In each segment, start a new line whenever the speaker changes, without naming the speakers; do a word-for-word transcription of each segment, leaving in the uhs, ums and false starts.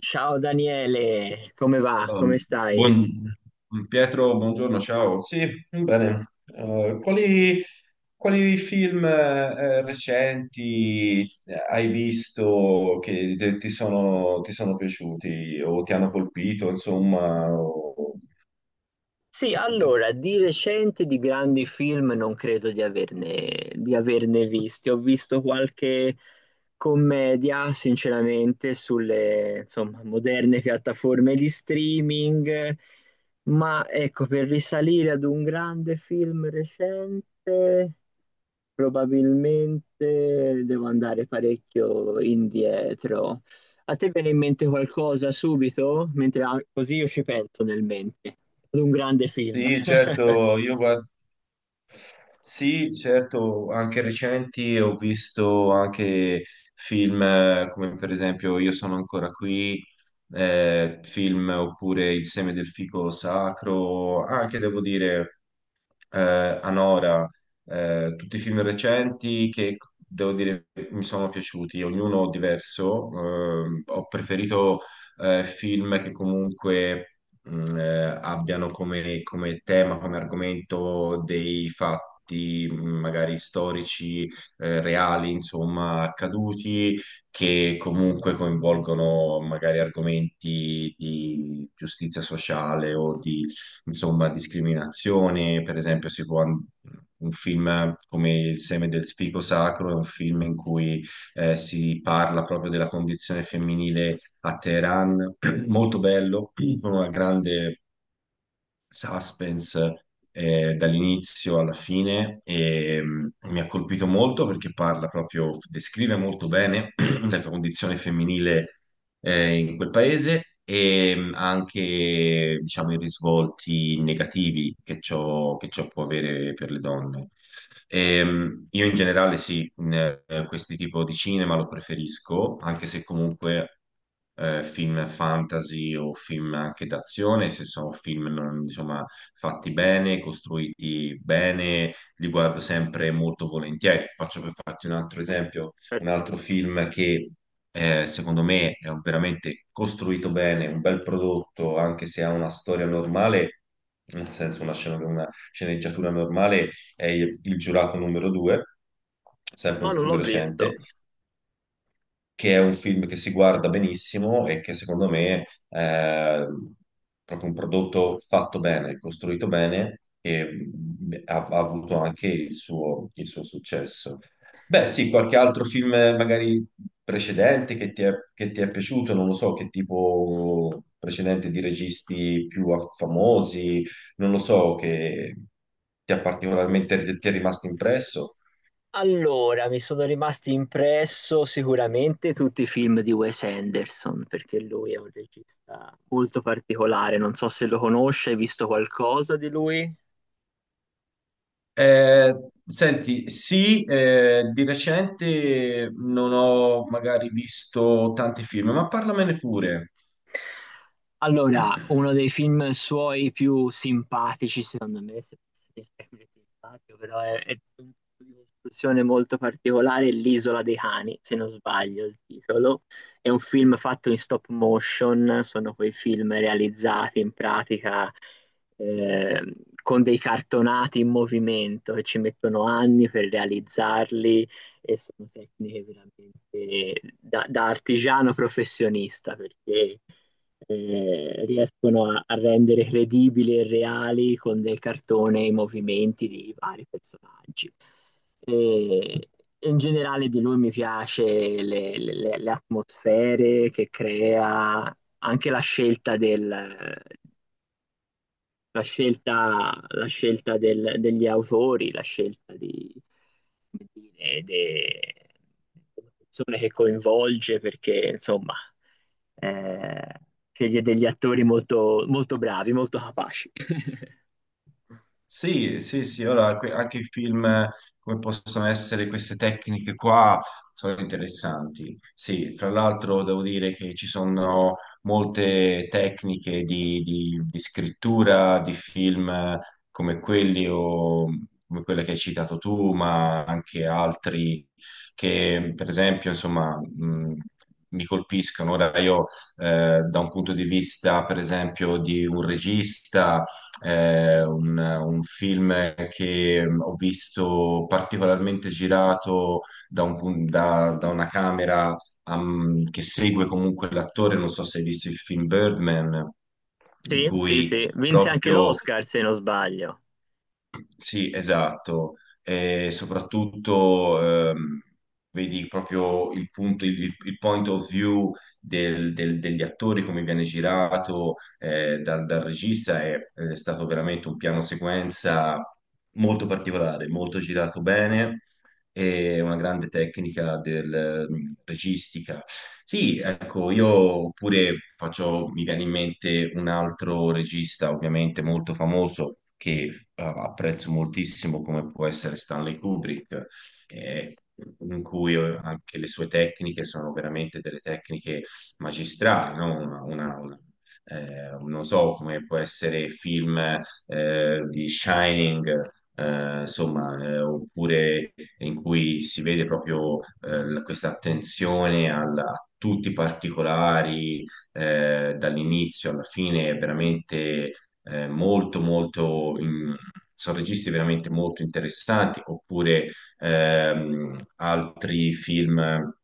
Ciao Daniele, come va? Come
Um,
stai?
buon- Pietro, buongiorno, ciao. Sì, bene. Eh, quali, quali film eh, recenti eh, hai visto che te- ti sono, ti sono piaciuti o ti hanno colpito, insomma? o-
Sì,
così?
allora, di recente di grandi film non credo di averne, di averne visti. Ho visto qualche commedia, sinceramente, sulle, insomma, moderne piattaforme di streaming, ma ecco, per risalire ad un grande film recente. Probabilmente devo andare parecchio indietro. A te viene in mente qualcosa subito? Mentre ah, così io ci penso nel mente. Ad un grande film.
Sì, certo, io guardo. Sì, certo, anche recenti ho visto anche film eh, come per esempio Io sono ancora qui, eh, film oppure Il seme del fico sacro, anche devo dire eh, Anora, eh, tutti i film recenti che devo dire mi sono piaciuti, ognuno diverso. eh, ho preferito eh, film che comunque mh, eh, abbiano come, come tema, come argomento dei fatti mh, magari storici, eh, reali, insomma, accaduti, che comunque coinvolgono magari argomenti di giustizia sociale o di insomma, discriminazioni, per esempio, si può un film come Il seme del fico sacro è un film in cui eh, si parla proprio della condizione femminile a Teheran, molto bello, con una grande suspense eh, dall'inizio alla fine e mh, mi ha colpito molto perché parla proprio, descrive molto bene la condizione femminile eh, in quel paese e mh, anche, diciamo, i risvolti negativi che ciò, che ciò può avere per le donne. Ehm, io in generale sì, in, eh, questi tipo di cinema lo preferisco, anche se comunque eh, film fantasy o film anche d'azione, se sono film non- insomma, fatti bene, costruiti bene, li guardo sempre molto volentieri. Faccio per farti un altro esempio un altro film che eh, secondo me è veramente costruito bene, un bel prodotto, anche se ha una storia normale, nel senso una, scena- una sceneggiatura normale, è Il Giurato numero due, sempre un
No, non
film
l'ho visto.
recente, che è un film che si guarda benissimo e che secondo me è proprio un prodotto fatto bene, costruito bene e mm, ha, ha avuto anche il suo, il suo successo. Beh, sì, qualche altro film eh, magari precedente che ti è, che ti è piaciuto, non lo so, che tipo precedente di registi più famosi, non lo so, che ti ha particolarmente, ti è rimasto impresso.
Allora, mi sono rimasti impresso sicuramente tutti i film di Wes Anderson, perché lui è un regista molto particolare. Non so se lo conosce, hai visto qualcosa di lui?
Eh, senti, sì, eh, di recente non ho magari visto tanti film, ma parlamene pure.
Allora, uno dei film suoi più simpatici, secondo me, se posso dire il termine simpatico, però è, è un tipo di costruzione molto particolare, è L'isola dei cani, se non sbaglio il titolo. È un film fatto in stop motion, sono quei film realizzati in pratica eh, con dei cartonati in movimento che ci mettono anni per realizzarli e sono tecniche veramente da da artigiano professionista perché eh, riescono a, a rendere credibili e reali con del cartone i movimenti di vari personaggi. E in generale di lui mi piace le, le- le atmosfere che crea, anche la scelta del, la scelta, la scelta del- degli autori, la scelta di, come dire, de- delle persone che coinvolge, perché insomma eh, sceglie degli attori molto, molto bravi, molto capaci.
Sì, sì, sì, ora que- anche i film eh, come possono essere queste tecniche qua sono interessanti. Sì, fra l'altro devo dire che ci sono molte tecniche di, di- di scrittura di film eh, come quelli o come quella che hai citato tu, ma anche altri che per esempio, insomma, mh, mi colpiscono. Ora io eh, da un punto di vista, per esempio, di un regista eh, un, un film che mm, ho visto particolarmente girato da, un pun- da- da una camera am, che segue comunque l'attore, non so se hai visto il film Birdman, in
Sì, sì,
cui
sì, vinse anche
proprio
l'Oscar se non sbaglio.
sì, esatto. E soprattutto ehm, vedi proprio il punto, il, il point of view del- del- degli attori, come viene girato eh, dal, dal regista, è, è stato veramente un piano sequenza molto particolare, molto girato bene e una grande tecnica del mm, registica. Sì, ecco, io oppure faccio, mi viene in mente un altro regista, ovviamente molto famoso, che eh, apprezzo moltissimo, come può essere Stanley Kubrick, eh, in cui eh, anche le sue tecniche sono veramente delle tecniche magistrali, no? Una, una- una- eh, non so come può essere film eh, di Shining, eh, insomma, eh, oppure in cui si vede proprio eh, l- questa attenzione al- a tutti i particolari, eh, dall'inizio alla fine, è veramente eh, molto, molto... in- Sono registi veramente molto interessanti, oppure ehm, altri film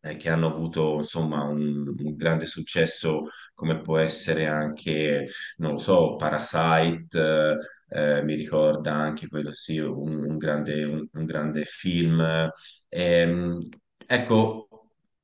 eh, che hanno avuto insomma un, un grande successo, come può essere anche non lo so, Parasite, eh, mi ricorda anche quello sì, un, un grande, un- un grande film. Ehm, ecco,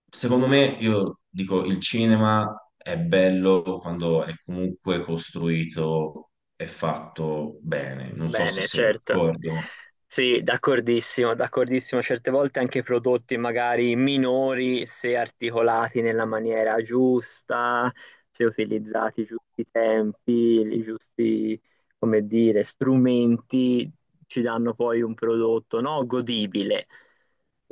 secondo me io dico il cinema è bello quando è comunque costruito e fatto bene. Non so se
Bene,
sei
certo.
d'accordo.
Sì, d'accordissimo, d'accordissimo. Certe volte anche prodotti magari minori, se articolati nella maniera giusta, se utilizzati i giusti tempi, i giusti, come dire, strumenti, ci danno poi un prodotto, no, godibile.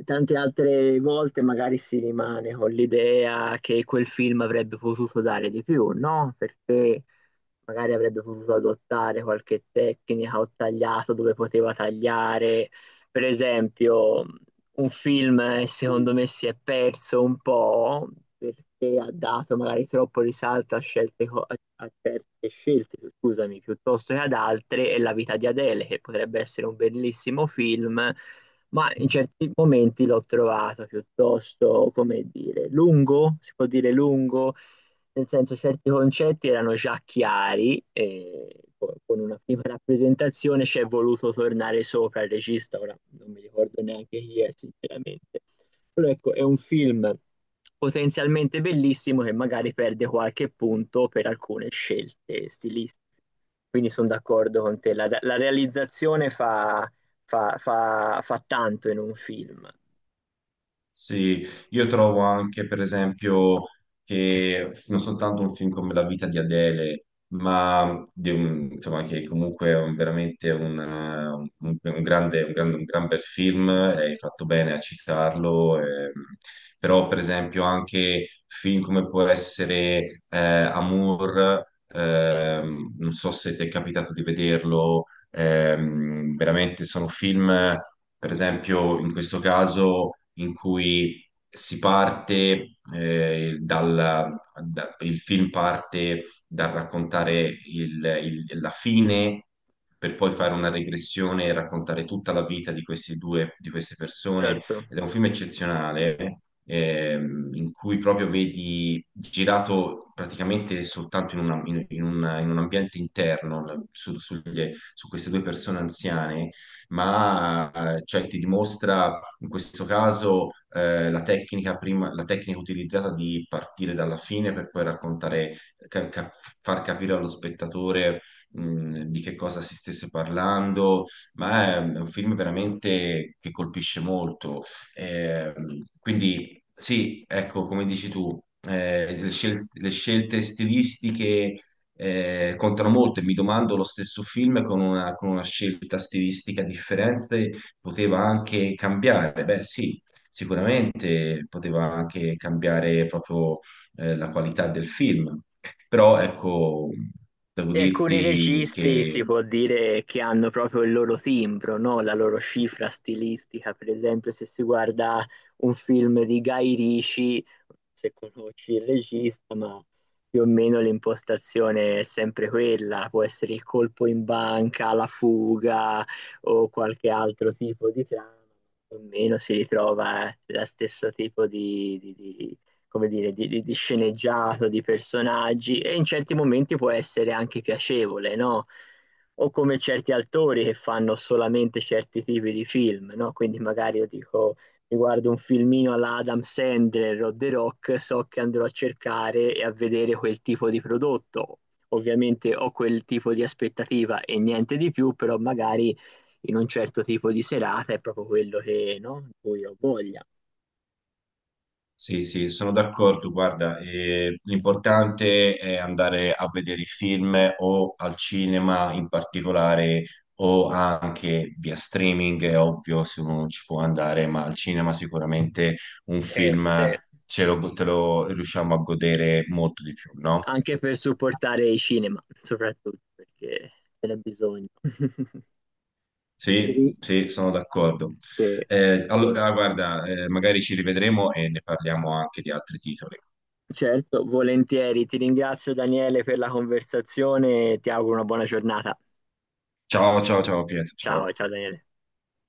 Tante altre volte magari si rimane con l'idea che quel film avrebbe potuto dare di più, no? Perché magari avrebbe potuto adottare qualche tecnica o tagliato dove poteva tagliare. Per esempio, un film eh, secondo me si è perso un po' perché ha dato magari troppo risalto a scelte, co- a, a certe scelte, scusami, piuttosto che ad altre, e La vita di Adele, che potrebbe essere un bellissimo film, ma in certi momenti l'ho trovato piuttosto, come dire, lungo, si può dire lungo nel senso certi concetti erano già chiari e co- con una prima rappresentazione ci è voluto tornare sopra il regista, ora non mi ricordo neanche chi è sinceramente. Però ecco, è un film potenzialmente bellissimo che magari perde qualche punto per alcune scelte stilistiche. Quindi sono d'accordo con te, la, la realizzazione fa, fa, fa, fa tanto in un film,
Sì, io trovo anche, per esempio, che non soltanto un film come La vita di Adele, ma di un- insomma, che comunque è un- veramente un, eh, un- un grande, un grande- un gran bel film, e hai fatto bene a citarlo, ehm, però per esempio anche film come può essere eh, Amour, ehm, non so se ti è capitato di vederlo. Ehm, veramente sono film, per esempio, in questo caso in cui si parte eh, dal da- il film parte dal raccontare il- il- la fine per poi fare una regressione e raccontare tutta la vita di questi due, di queste persone.
certo.
Ed è un film eccezionale. Ehm, in cui proprio vedi girato praticamente soltanto in, una- in- in un in un ambiente interno, la- su- sugli, su queste due persone anziane, ma eh, cioè, ti dimostra in questo caso eh, la tecnica prima- la tecnica utilizzata di partire dalla fine per poi raccontare, ca- ca- far capire allo spettatore mh, di che cosa si stesse parlando, ma è un film veramente che colpisce molto. Eh, quindi sì, ecco, come dici tu, eh, le scel- le scelte stilistiche eh, contano molto e mi domando lo stesso film con una, con una scelta stilistica differente poteva anche cambiare. Beh, sì, sicuramente poteva anche cambiare proprio eh, la qualità del film, però ecco, devo
E alcuni
dirti
registi
che
si può dire che hanno proprio il loro timbro, no? La loro cifra stilistica. Per esempio, se si guarda un film di Guy Ritchie, se conosci il regista, ma più o meno l'impostazione è sempre quella, può essere il colpo in banca, la fuga o qualche altro tipo di trama, più o meno si ritrova eh, lo stesso tipo di, di- di- come dire, di, di- di sceneggiato, di personaggi, e in certi momenti può essere anche piacevole, no? O come certi autori che fanno solamente certi tipi di film, no? Quindi magari io dico, mi guardo un filmino alla Adam Sandler o The Rock, so che andrò a cercare e a vedere quel tipo di prodotto. Ovviamente ho quel tipo di aspettativa e niente di più, però magari in un certo tipo di serata è proprio quello che, no? Di cui ho voglia.
sì, sì, sono d'accordo. Guarda, eh, l'importante è andare a vedere i film o al cinema in particolare o anche via streaming, è ovvio se uno non ci può andare, ma al cinema sicuramente un
Sì,
film
sì.
ce lo, te lo riusciamo a godere molto di più, no?
Anche per supportare i cinema, soprattutto perché ce n'è bisogno.
Sì,
Sì,
sì, sono d'accordo.
eh,
Eh, allora, guarda, eh, magari ci rivedremo e ne parliamo anche di altri titoli.
certo, volentieri. Ti ringrazio Daniele per la conversazione e ti auguro una buona giornata.
Ciao, ciao, ciao Pietro,
Ciao,
ciao.
ciao Daniele.